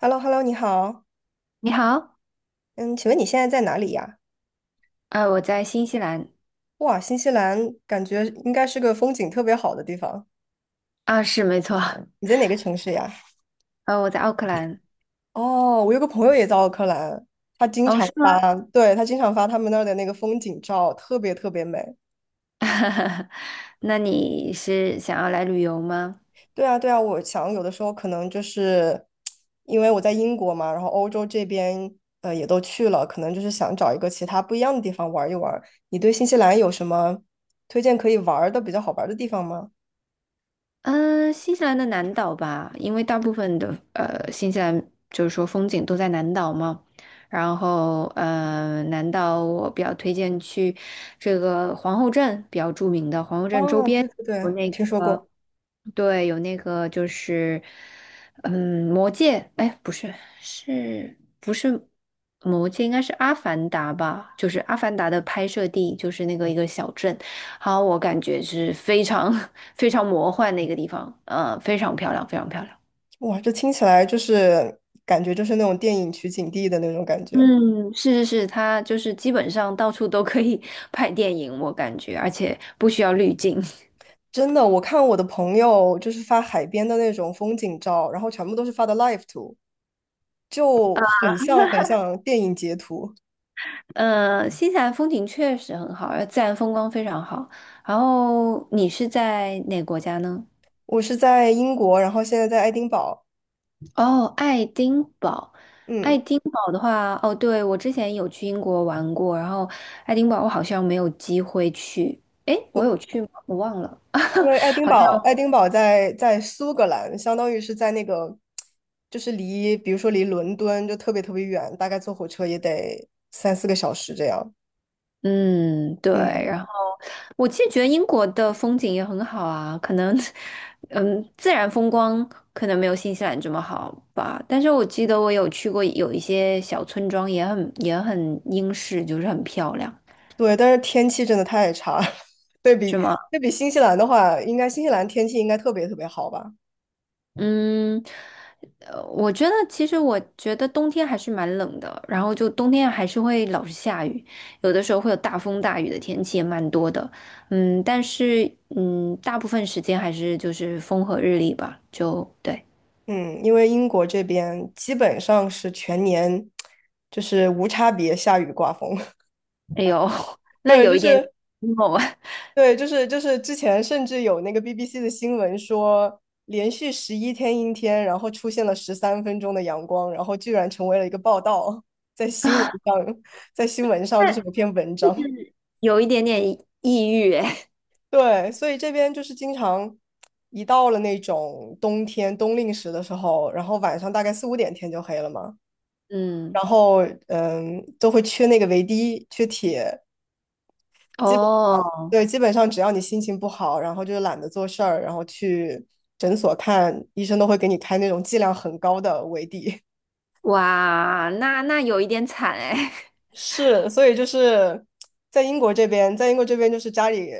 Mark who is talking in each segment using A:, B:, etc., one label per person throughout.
A: h e l l o h e l l o 你好。
B: 你好，
A: 嗯，请问你现在在哪里呀？
B: 我在新西兰。
A: 哇，新西兰感觉应该是个风景特别好的地方。
B: 啊，是没错。
A: 你在哪个城市呀？
B: 我在奥克兰。
A: 哦，我有个朋友也在奥克兰，他经
B: 哦，
A: 常
B: 是吗？
A: 发，对，他经常发他们那儿的那个风景照，特别特别美。
B: 那你是想要来旅游吗？
A: 对啊，对啊，我想有的时候可能就是因为我在英国嘛，然后欧洲这边也都去了，可能就是想找一个其他不一样的地方玩一玩。你对新西兰有什么推荐可以玩儿的比较好玩儿的地方吗？
B: 嗯，新西兰的南岛吧，因为大部分的新西兰就是说风景都在南岛嘛，然后南岛我比较推荐去这个皇后镇，比较著名的皇后镇周
A: 哦，
B: 边
A: 对对
B: 有
A: 对，我
B: 那
A: 听说
B: 个，
A: 过。
B: 对，有那个就是魔界，哎不是，是不是魔界？应该是阿凡达吧，就是阿凡达的拍摄地就是那个一个小镇。好，我感觉是非常 非常魔幻的一个地方，非常漂亮，非常漂亮。
A: 哇，这听起来就是感觉就是那种电影取景地的那种感觉。
B: 嗯，是是是，它就是基本上到处都可以 拍电影，我感觉，而且不需要滤镜。
A: 真的，我看我的朋友就是发海边的那种风景照，然后全部都是发的 live 图，就很像很像电影截图。
B: 新西兰风景确实很好，而自然风光非常好。然后你是在哪个国家呢？
A: 我是在英国，然后现在在爱丁堡，
B: 哦，爱丁堡，爱
A: 嗯，
B: 丁堡的话，哦，对，我之前有去英国玩过，然后爱丁堡我好像没有机会去，诶，我有
A: 就
B: 去吗？我忘了，
A: 因为爱 丁
B: 好像，
A: 堡，爱丁堡在苏格兰，相当于是在那个，就是离，比如说离伦敦就特别特别远，大概坐火车也得三四个小时这样。
B: 嗯，对，然
A: 嗯。
B: 后我其实觉得英国的风景也很好啊，可能，嗯，自然风光可能没有新西兰这么好吧，但是我记得我有去过有一些小村庄，也很也很英式，就是很漂亮。
A: 对，但是天气真的太差了，对比
B: 是吗？
A: 对比新西兰的话，应该新西兰天气应该特别特别好吧？
B: 嗯，我觉得其实我觉得冬天还是蛮冷的，然后就冬天还是会老是下雨，有的时候会有大风大雨的天气也蛮多的，嗯，但是大部分时间还是就是风和日丽吧，就对，
A: 嗯，因为英国这边基本上是全年就是无差别下雨刮风，
B: 哎呦，那
A: 对，
B: 有
A: 就
B: 一点，
A: 是
B: emo 哦，
A: 对，就是就是之前甚至有那个 BBC 的新闻说，连续11天阴天，然后出现了13分钟的阳光，然后居然成为了一个报道，在新闻上，在新闻上就是 有篇文章。
B: 有一点点抑郁，哎，
A: 对，所以这边就是经常一到了那种冬天冬令时的时候，然后晚上大概4、5点天就黑了嘛，
B: 嗯，
A: 然后嗯，都会缺那个维 D，缺铁。
B: 哦，
A: 对，基本上只要你心情不好，然后就懒得做事儿，然后去诊所看医生，都会给你开那种剂量很高的维 D
B: 哇，那有一点惨哎。
A: 是，所以就是在英国这边就是家里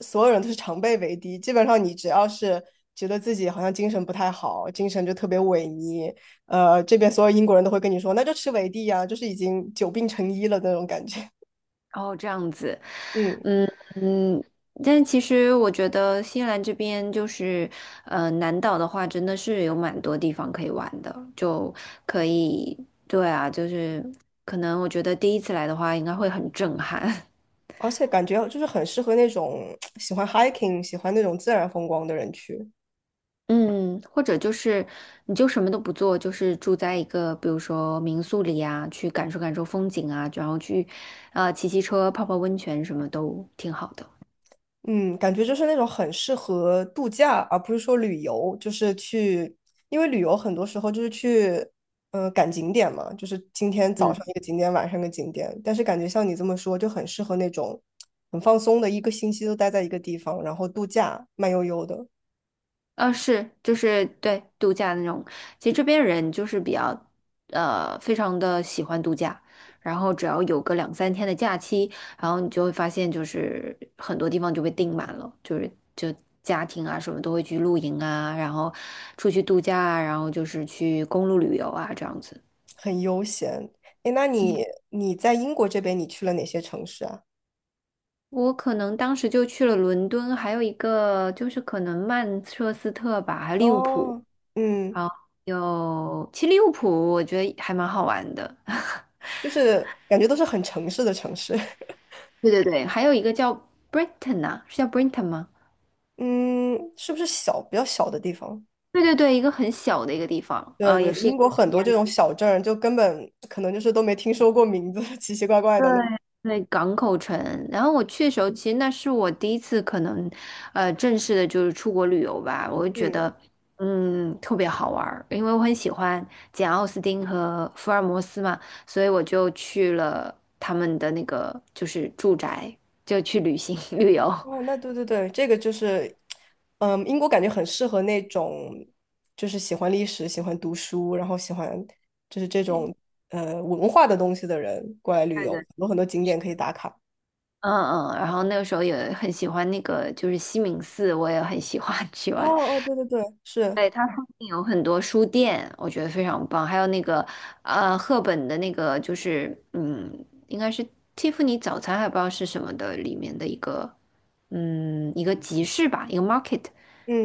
A: 所有人都是常备维 D，基本上你只要是觉得自己好像精神不太好，精神就特别萎靡，这边所有英国人都会跟你说，那就吃维 D 呀，就是已经久病成医了那种感觉。
B: 哦，这样子，
A: 嗯，
B: 嗯嗯，但其实我觉得新西兰这边就是，南岛的话真的是有蛮多地方可以玩的，就可以，对啊，就是可能我觉得第一次来的话应该会很震撼，
A: 而且感觉就是很适合那种喜欢 hiking、喜欢那种自然风光的人去。
B: 嗯，或者就是你就什么都不做，就是住在一个比如说民宿里啊，去感受感受风景啊，然后去，骑骑车、泡泡温泉什么都挺好的。
A: 嗯，感觉就是那种很适合度假，而不是说旅游，就是去，因为旅游很多时候就是去，赶景点嘛，就是今天早
B: 嗯。
A: 上一个景点，晚上一个景点。但是感觉像你这么说，就很适合那种很放松的，一个星期都待在一个地方，然后度假，慢悠悠的，
B: 啊，是，就是对度假那种。其实这边人就是比较，非常的喜欢度假。然后只要有个两三天的假期，然后你就会发现，就是很多地方就被订满了，就是家庭啊什么都会去露营啊，然后出去度假啊，然后就是去公路旅游啊这样子。
A: 很悠闲。诶，那你在英国这边，你去了哪些城市啊？
B: 我可能当时就去了伦敦，还有一个就是可能曼彻斯特吧，还有利物浦。
A: 哦，嗯，
B: 好，有，其实利物浦我觉得还蛮好玩的。
A: 就是感觉都是很城市的城市，
B: 对对对，还有一个叫 Brighton 啊，是叫 Brighton 吗？
A: 嗯，是不是小，比较小的地方？
B: 对对对，一个很小的一个地方，
A: 对对，
B: 也是一
A: 英
B: 个
A: 国
B: 海
A: 很多这
B: 边，
A: 种小镇儿就根本可能就是都没听说过名字，奇奇怪怪
B: 对
A: 的那种。
B: 对，港口城。然后我去的时候，其实那是我第一次可能，正式的就是出国旅游吧，我就觉
A: 嗯，
B: 得，嗯，特别好玩儿，因为我很喜欢简奥斯汀和福尔摩斯嘛，所以我就去了他们的那个就是住宅，就去旅行 旅游。
A: 哦，那对对对，这个就是，嗯，英国感觉很适合那种，就是喜欢历史、喜欢读书，然后喜欢就是这
B: 对
A: 种文化的东西的人过来旅游，
B: 的，
A: 有很多景点可以打卡。
B: 嗯嗯，然后那个时候也很喜欢那个，就是西敏寺，我也很喜欢 去
A: 哦
B: 玩。
A: 哦，对对对，是，
B: 对，它附近有很多书店，我觉得非常棒。还有那个，赫本的那个，就是嗯，应该是蒂芙尼早餐，还不知道是什么的里面的一个，嗯，一个集市吧，一个 market，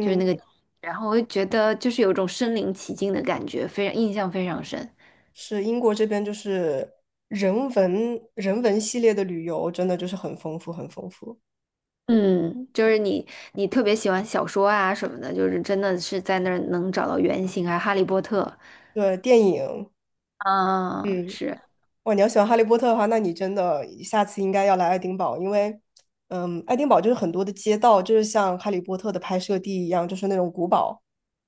B: 就是那个。然后我就觉得就是有一种身临其境的感觉，非常印象非常深。
A: 是英国这边就是人文系列的旅游，真的就是很丰富，很丰富。
B: 嗯，就是你，你特别喜欢小说啊什么的，就是真的是在那儿能找到原型啊，《哈利波特》
A: 对，电影，
B: 啊，
A: 嗯。
B: 是，
A: 哇，你要喜欢哈利波特的话，那你真的下次应该要来爱丁堡，因为，嗯，爱丁堡就是很多的街道，就是像哈利波特的拍摄地一样，就是那种古堡、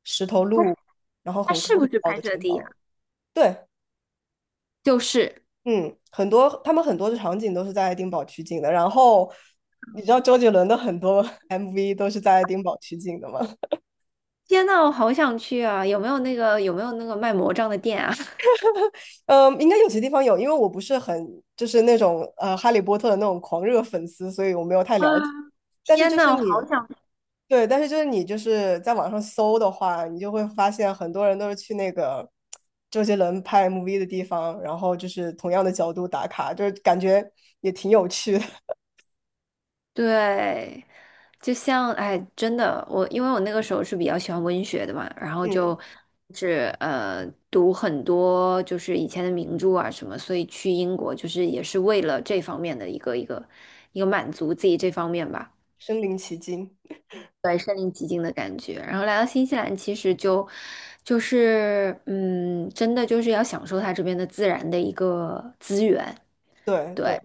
A: 石头
B: 它
A: 路，然后
B: 它
A: 很
B: 是
A: 高
B: 不
A: 很
B: 是
A: 高
B: 拍
A: 的
B: 摄
A: 城
B: 地呀、
A: 堡。对，
B: 就是，
A: 嗯，他们很多的场景都是在爱丁堡取景的。然后，你知道周杰伦的很多 MV 都是在爱丁堡取景的吗？
B: 天呐，我好想去啊！有没有那个有没有那个卖魔杖的店啊？
A: 嗯，应该有些地方有，因为我不是很就是那种哈利波特的那种狂热粉丝，所以我没有太了解。但是
B: 天
A: 就是
B: 呐，我好
A: 你。
B: 想
A: 对，但是就是你就是在网上搜的话，你就会发现很多人都是去那个周杰伦拍 MV 的地方，然后就是同样的角度打卡，就是感觉也挺有趣的。
B: 对，就像哎，真的，我因为我那个时候是比较喜欢文学的嘛，然后
A: 嗯，
B: 就是读很多就是以前的名著啊什么，所以去英国就是也是为了这方面的一个满足自己这方面吧
A: 身临其境。
B: 感觉。然后来到新西兰，其实就就是真的就是要享受它这边的自然的一个资源，
A: 对
B: 对。
A: 对。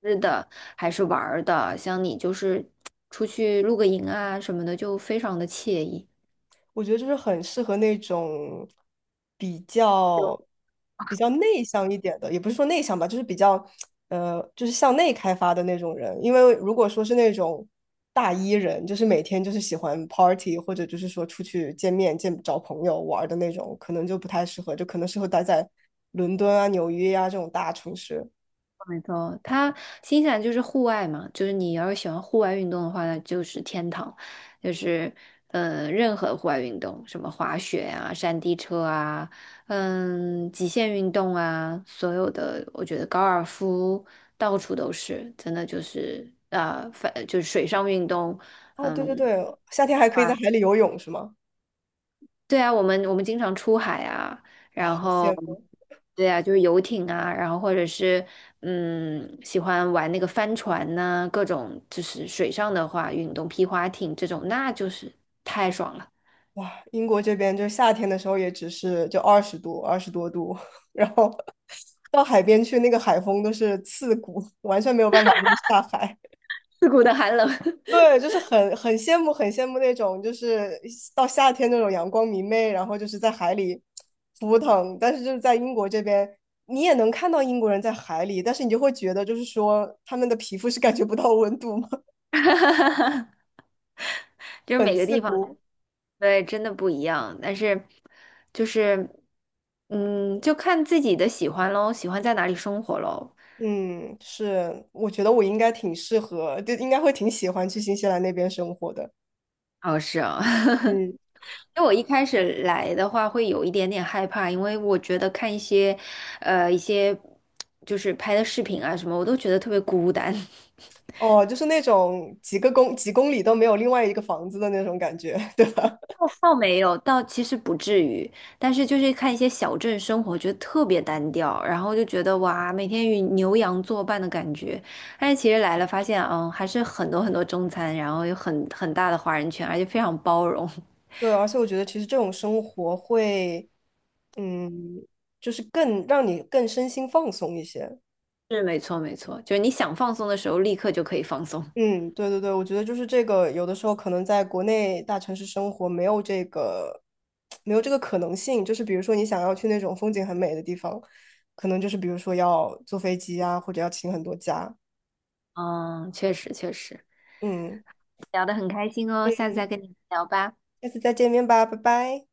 B: 吃的还是玩儿的，像你就是出去露个营啊什么的，就非常的惬意。
A: 我觉得就是很适合那种比较比较内向一点的，也不是说内向吧，就是比较就是向内开发的那种人。因为如果说是那种大 E 人，就是每天就是喜欢 party 或者就是说出去见面、见找朋友玩儿的那种，可能就不太适合，就可能适合待在伦敦啊、纽约啊这种大城市。
B: 没错，它新西兰就是户外嘛，就是你要是喜欢户外运动的话，那就是天堂，就是任何户外运动，什么滑雪啊、山地车啊，嗯，极限运动啊，所有的，我觉得高尔夫到处都是，真的就是就是水上运动。
A: 哦，对对
B: 嗯
A: 对，夏天还可以在海
B: 啊。
A: 里游泳，是吗？
B: 对啊，我们经常出海啊，然
A: 好羡
B: 后
A: 慕。
B: 对啊，就是游艇啊，然后或者是嗯，喜欢玩那个帆船呐、各种就是水上的话，运动皮划艇这种，那就是太爽了。
A: 哇，英国这边就夏天的时候也只是就20度、20多度，然后到海边去，那个海风都是刺骨，完全没有办法就是下海。
B: 刺骨的寒冷，
A: 对，就是很羡慕那种就是到夏天那种阳光明媚，然后就是在海里扑腾。但是就是在英国这边，你也能看到英国人在海里，但是你就会觉得就是说他们的皮肤是感觉不到温度吗？
B: 就是
A: 很
B: 每个
A: 刺
B: 地方
A: 骨。
B: 对真的不一样，但是就是就看自己的喜欢喽，喜欢在哪里生活喽。
A: 嗯，是，我觉得我应该挺适合，就应该会挺喜欢去新西兰那边生活的。
B: 哦，是啊。
A: 嗯，
B: 因为我一开始来的话会有一点点害怕，因为我觉得看一些，一些就是拍的视频啊什么，我都觉得特别孤单。
A: 哦，就是那种几公里都没有另外一个房子的那种感觉，对吧？
B: 倒没有，倒其实不至于，但是就是看一些小镇生活，觉得特别单调，然后就觉得哇，每天与牛羊作伴的感觉。但是其实来了，发现嗯，还是很多很多中餐，然后有很大的华人圈，而且非常包容。
A: 对，而且我觉得其实这种生活会，嗯，就是更让你更身心放松一些。
B: 是，没错，没错，就是你想放松的时候，立刻就可以放松。
A: 嗯，对对对，我觉得就是这个，有的时候可能在国内大城市生活没有这个，没有这个可能性。就是比如说你想要去那种风景很美的地方，可能就是比如说要坐飞机啊，或者要请很多假。
B: 嗯，确实，确实。
A: 嗯，
B: 聊得很开心哦，下次
A: 嗯，
B: 再跟你聊吧，
A: 下次再见面吧，拜拜。